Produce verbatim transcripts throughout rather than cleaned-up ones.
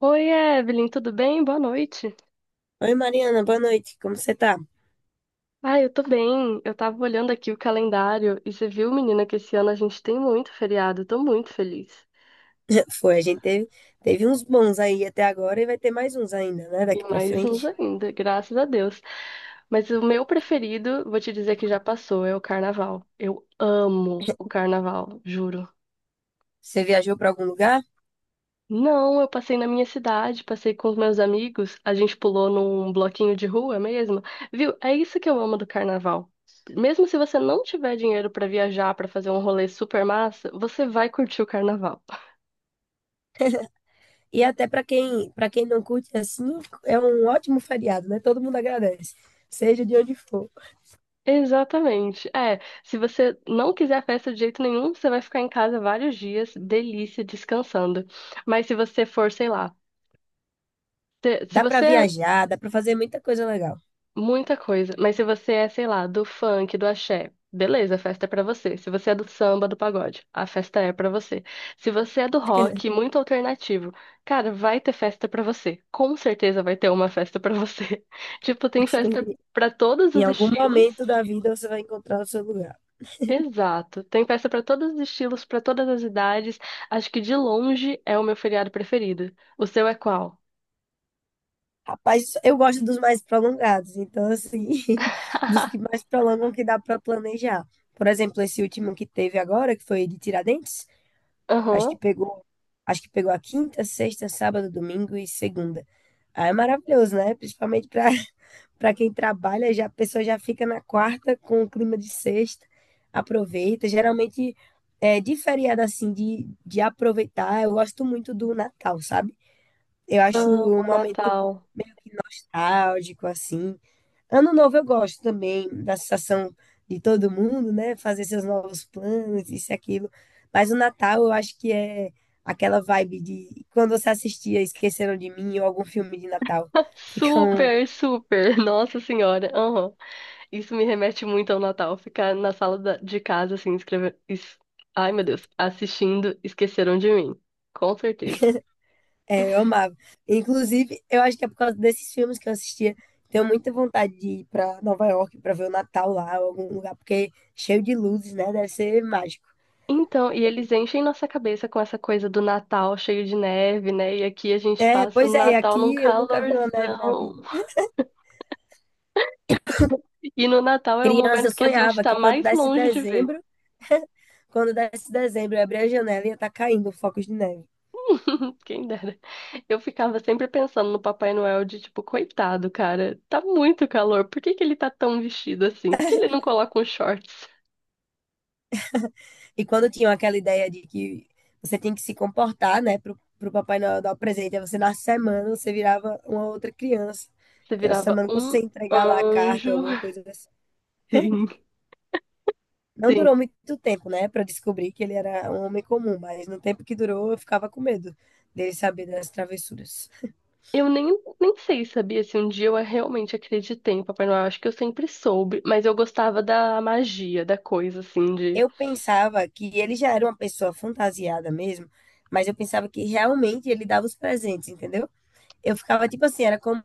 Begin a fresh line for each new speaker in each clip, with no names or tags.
Oi, Evelyn, tudo bem? Boa noite.
Oi, Mariana, boa noite. Como você tá?
Ah, eu tô bem. Eu tava olhando aqui o calendário e você viu, menina, que esse ano a gente tem muito feriado. Eu tô muito feliz.
Foi, a gente teve, teve uns bons aí até agora e vai ter mais uns ainda, né,
E
daqui pra
mais uns
frente.
ainda, graças a Deus. Mas o meu preferido, vou te dizer que já passou, é o carnaval. Eu amo o carnaval, juro.
Você viajou pra algum lugar?
Não, eu passei na minha cidade, passei com os meus amigos, a gente pulou num bloquinho de rua mesmo. Viu? É isso que eu amo do carnaval. Mesmo se você não tiver dinheiro pra viajar, pra fazer um rolê super massa, você vai curtir o carnaval.
E até pra quem, para quem não curte assim, é um ótimo feriado, né? Todo mundo agradece, seja de onde for.
Exatamente. É, se você não quiser a festa de jeito nenhum, você vai ficar em casa vários dias, delícia, descansando. Mas se você for, sei lá, se se
Dá pra
você.
viajar, dá pra fazer muita coisa legal.
Muita coisa. Mas se você é, sei lá, do funk, do axé, beleza, a festa é pra você. Se você é do samba, do pagode, a festa é pra você. Se você é do rock, muito alternativo, cara, vai ter festa pra você. Com certeza vai ter uma festa pra você. Tipo, tem festa pra todos
Em
os
algum
estilos.
momento da vida você vai encontrar o seu lugar.
Exato. Tem festa pra todos os estilos, pra todas as idades. Acho que de longe é o meu feriado preferido. O seu é qual?
Rapaz, eu gosto dos mais prolongados, então, assim, dos que mais prolongam que dá para planejar. Por exemplo, esse último que teve agora, que foi de Tiradentes, acho que
Aham.
pegou, acho que pegou a quinta, sexta, sábado, domingo e segunda. Aí é maravilhoso, né? Principalmente para para quem trabalha, já a pessoa já fica na quarta com o clima de sexta, aproveita. Geralmente, é, de feriado, assim, de, de aproveitar, eu gosto muito do Natal, sabe? Eu acho um
Amo
momento
Natal.
nostálgico, assim. Ano novo eu gosto também da sensação de todo mundo, né? Fazer seus novos planos, isso e aquilo. Mas o Natal eu acho que é aquela vibe de quando você assistia Esqueceram de Mim ou algum filme de Natal. Fica um.
Super, super. Nossa Senhora. Aham. Isso me remete muito ao Natal. Ficar na sala da- de casa, assim, escrevendo. Ai, meu Deus. Assistindo Esqueceram de Mim. Com certeza.
É, eu amava. Inclusive, eu acho que é por causa desses filmes que eu assistia. Tenho muita vontade de ir para Nova York para ver o Natal lá, ou algum lugar, porque cheio de luzes, né? Deve ser mágico.
Então, e eles enchem nossa cabeça com essa coisa do Natal cheio de neve, né? E aqui a gente
É,
passa
pois
o
é, e
Natal num
aqui eu nunca vi uma neve na
calorzão.
vida.
E no Natal é o
Criança, eu
momento que a gente
sonhava
tá
que quando
mais
desse
longe de ver.
dezembro, quando desse dezembro, eu abria a janela e ia estar caindo focos de neve.
Quem dera. Eu ficava sempre pensando no Papai Noel de tipo, coitado, cara, tá muito calor. Por que que ele tá tão vestido assim? Por que ele não coloca uns shorts?
E quando tinham aquela ideia de que você tem que se comportar, né, pro, pro Papai Noel dar o presente, aí você na semana você virava uma outra criança,
Você
que era a
virava
semana que
um
você ia entregar lá a carta ou
anjo.
alguma coisa assim.
Sim,
Não
sim.
durou muito tempo, né, para descobrir que ele era um homem comum, mas no tempo que durou, eu ficava com medo dele saber das travessuras.
Eu nem, nem sei, sabia, se um dia eu realmente acreditei em Papai Noel. Acho que eu sempre soube, mas eu gostava da magia, da coisa, assim, de.
Eu pensava que ele já era uma pessoa fantasiada mesmo, mas eu pensava que realmente ele dava os presentes, entendeu? Eu ficava tipo assim, era como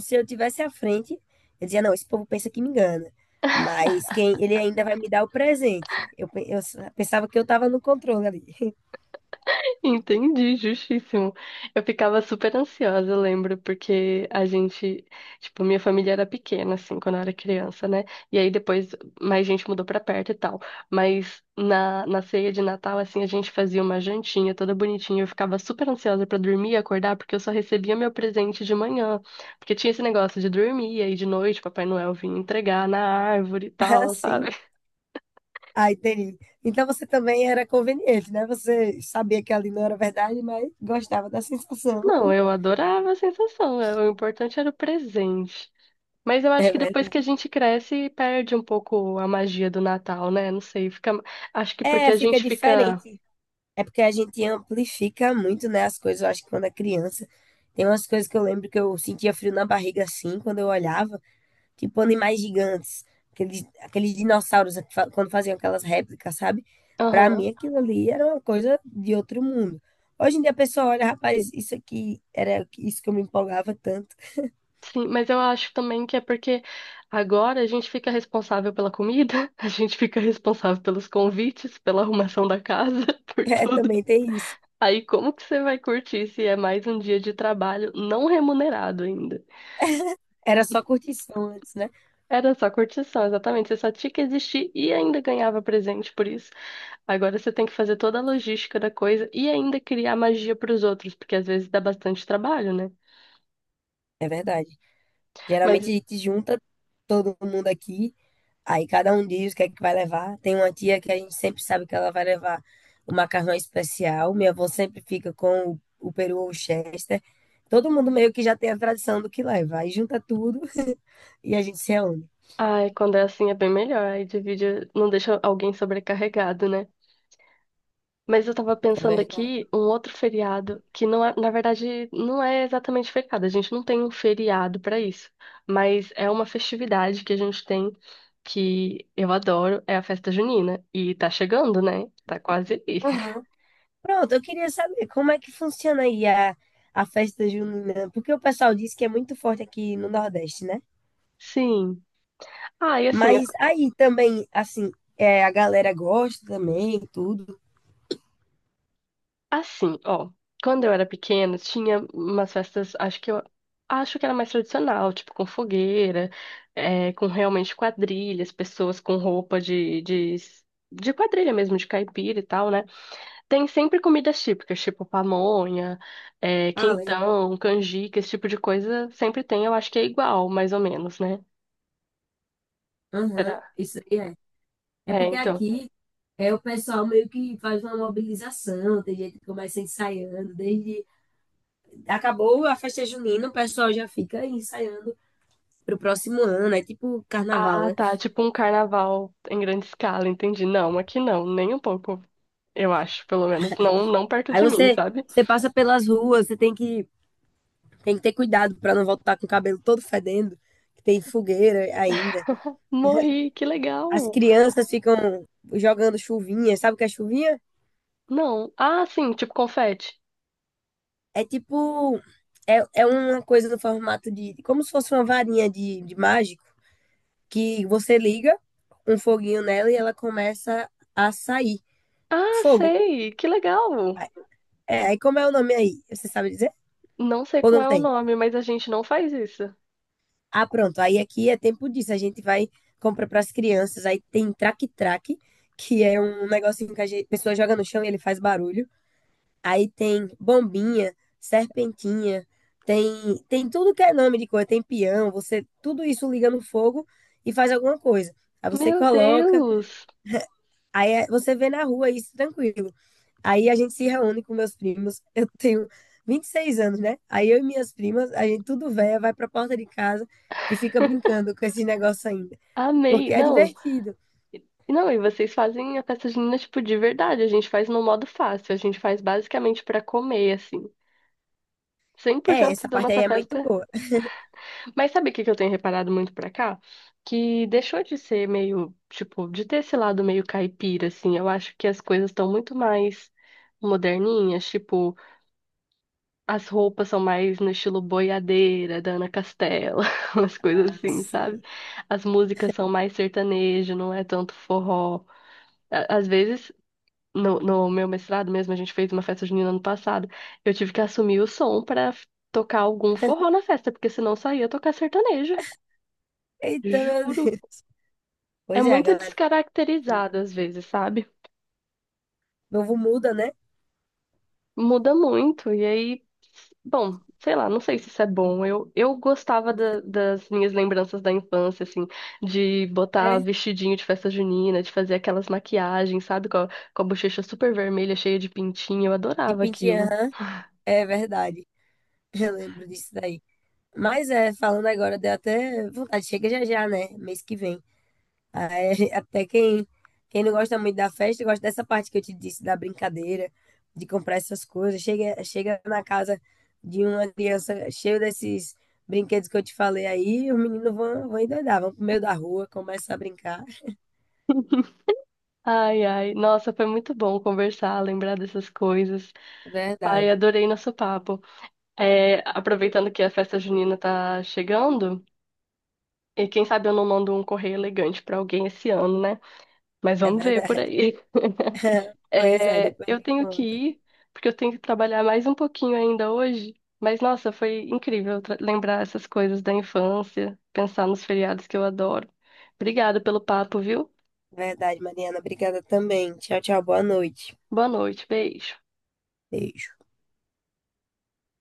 se eu tivesse à frente. Eu dizia, não, esse povo pensa que me engana, mas quem ele ainda vai me dar o presente. Eu, pe- eu s- Pensava que eu estava no controle ali.
Entendi, justíssimo. Eu ficava super ansiosa, eu lembro, porque a gente, tipo, minha família era pequena, assim, quando eu era criança, né? E aí depois mais gente mudou pra perto e tal. Mas na, na ceia de Natal, assim, a gente fazia uma jantinha toda bonitinha. Eu ficava super ansiosa pra dormir e acordar, porque eu só recebia meu presente de manhã. Porque tinha esse negócio de dormir, e aí de noite Papai Noel vinha entregar na árvore e tal, sabe?
Assim. Ah, entendi. Então você também era conveniente, né? Você sabia que ali não era verdade, mas gostava da sensação.
Não, eu adorava a sensação. É, o importante era o presente. Mas eu acho
É
que depois que
verdade.
a gente cresce, perde um pouco a magia do Natal, né? Não sei, fica. Acho que porque
É,
a
fica
gente fica.
diferente. É porque a gente amplifica muito, né, as coisas. Eu acho que quando é criança, tem umas coisas que eu lembro que eu sentia frio na barriga assim, quando eu olhava, tipo animais gigantes, aqueles, aqueles dinossauros que fa- quando faziam aquelas réplicas, sabe? Pra
Aham.
mim aquilo ali era uma coisa de outro mundo. Hoje em dia a pessoa olha, rapaz, isso aqui era isso que eu me empolgava tanto.
Sim, mas eu acho também que é porque agora a gente fica responsável pela comida, a gente fica responsável pelos convites, pela arrumação da casa, por
É,
tudo.
também tem isso.
Aí como que você vai curtir se é mais um dia de trabalho não remunerado ainda?
Era só curtição antes, né?
Era só curtição, exatamente. Você só tinha que existir e ainda ganhava presente por isso. Agora você tem que fazer toda a logística da coisa e ainda criar magia para os outros, porque às vezes dá bastante trabalho, né? É.
É verdade. Geralmente a
Mas,
gente junta todo mundo aqui. Aí cada um diz o que é que vai levar. Tem uma tia que a gente sempre sabe que ela vai levar o macarrão especial. Minha avó sempre fica com o, o peru ou o Chester. Todo mundo meio que já tem a tradição do que leva. Aí junta tudo e a gente se reúne.
ai, quando é assim é bem melhor. Aí divide, não deixa alguém sobrecarregado, né? Mas eu tava
É
pensando
verdade.
aqui um outro feriado que não é, na verdade, não é exatamente feriado. A gente não tem um feriado para isso, mas é uma festividade que a gente tem que eu adoro, é a festa junina e tá chegando, né? Tá quase aí.
Aham. Pronto, eu queria saber como é que funciona aí a, a festa junina, porque o pessoal diz que é muito forte aqui no Nordeste, né?
Sim. Ah, e assim.
Mas aí também, assim, é, a galera gosta também, tudo.
Assim, ó, quando eu era pequena, tinha umas festas, acho que eu acho que era mais tradicional, tipo com fogueira, é, com realmente quadrilhas, pessoas com roupa de, de, de quadrilha mesmo, de caipira e tal, né? Tem sempre comidas típicas, tipo pamonha, é,
Ah, legal.
quentão, canjica, esse tipo de coisa sempre tem, eu acho que é igual, mais ou menos, né?
Aham.
Será?
Isso aí é
É,
porque
então.
aqui é o pessoal meio que faz uma mobilização, tem gente que começa ensaiando, desde acabou a festa junina, o pessoal já fica aí ensaiando pro próximo ano, é tipo carnaval,
Ah,
né?
tá. Tipo um carnaval em grande escala, entendi. Não, aqui não, nem um pouco, eu acho, pelo menos. Não, não perto
Aí
de mim,
você
sabe?
você passa pelas ruas, você tem que tem que ter cuidado para não voltar com o cabelo todo fedendo, que tem fogueira ainda.
Morri, que
As
legal.
crianças ficam jogando chuvinha, sabe o que é chuvinha?
Não. Ah, sim, tipo confete.
É tipo é, é uma coisa no formato de como se fosse uma varinha de, de mágica que você liga um foguinho nela e ela começa a sair.
Ah,
Fogo.
sei, que legal.
É, aí como é o nome aí? Você sabe dizer?
Não sei
Ou
qual
não
é o
tem?
nome, mas a gente não faz isso.
Ah, pronto. Aí aqui é tempo disso. A gente vai compra para as crianças. Aí tem traque-traque, que é um negocinho que a gente- a pessoa joga no chão e ele faz barulho. Aí tem bombinha, serpentinha, tem tem tudo que é nome de coisa. Tem peão. Você tudo isso liga no fogo e faz alguma coisa. Aí você
Meu
coloca.
Deus,
Aí é- você vê na rua isso tranquilo. Aí a gente se reúne com meus primos. Eu tenho vinte e seis anos, né? Aí eu e minhas primas, a gente tudo véia, vai pra porta de casa e fica brincando com esse negócio ainda.
amei.
Porque é
Não,
divertido.
não, e vocês fazem a festa junina, tipo, de verdade. A gente faz no modo fácil, a gente faz basicamente pra comer, assim. Cem por
É,
cento
essa
da
parte aí
nossa
é muito
festa.
boa.
Mas sabe o que que eu tenho reparado muito pra cá? Que deixou de ser meio, tipo, de ter esse lado meio caipira, assim. Eu acho que as coisas estão muito mais moderninhas, tipo, as roupas são mais no estilo boiadeira, da Ana Castela, umas coisas
Ah,
assim, sabe?
sim.
As músicas são mais sertanejo, não é tanto forró. A- Às vezes, no, no meu mestrado mesmo, a gente fez uma festa junina ano passado, eu tive que assumir o som pra tocar algum forró na festa, porque senão só ia tocar sertanejo.
Eita, meu
Juro.
Deus.
É
Pois é, a
muito
galera. Assim,
descaracterizado às vezes, sabe?
novo muda, né?
Muda muito. E aí, bom, sei lá, não sei se isso é bom. Eu, eu gostava da- das minhas lembranças da infância, assim, de botar
É.
vestidinho de festa junina, de fazer aquelas maquiagens, sabe? Com a, com a bochecha super vermelha, cheia de pintinho. Eu
De
adorava
pintinha,
aquilo.
aham. É verdade. Eu lembro disso daí. Mas é, falando agora, deu até vontade. Chega já já, né? Mês que vem. Aí, até quem, quem não gosta muito da festa, gosta dessa parte que eu te disse, da brincadeira, de comprar essas coisas. Chega, chega na casa de uma criança cheia desses brinquedos que eu te falei aí, os meninos vão, vão endoidar, vão pro meio da rua, começam a brincar.
Ai, ai. Nossa, foi muito bom conversar, lembrar dessas coisas.
É
Ai,
verdade,
adorei nosso papo. É, aproveitando que a festa junina tá chegando. E quem sabe eu não mando um correio elegante pra alguém esse ano, né? Mas
é
vamos ver por
verdade.
aí.
Pois é,
É,
depois
eu
me
tenho que
conta.
ir, porque eu tenho que trabalhar mais um pouquinho ainda hoje. Mas nossa, foi incrível tra- lembrar essas coisas da infância, pensar nos feriados que eu adoro. Obrigada pelo papo, viu?
Verdade, Mariana. Obrigada também. Tchau, tchau. Boa noite.
Boa noite, beijo.
Beijo.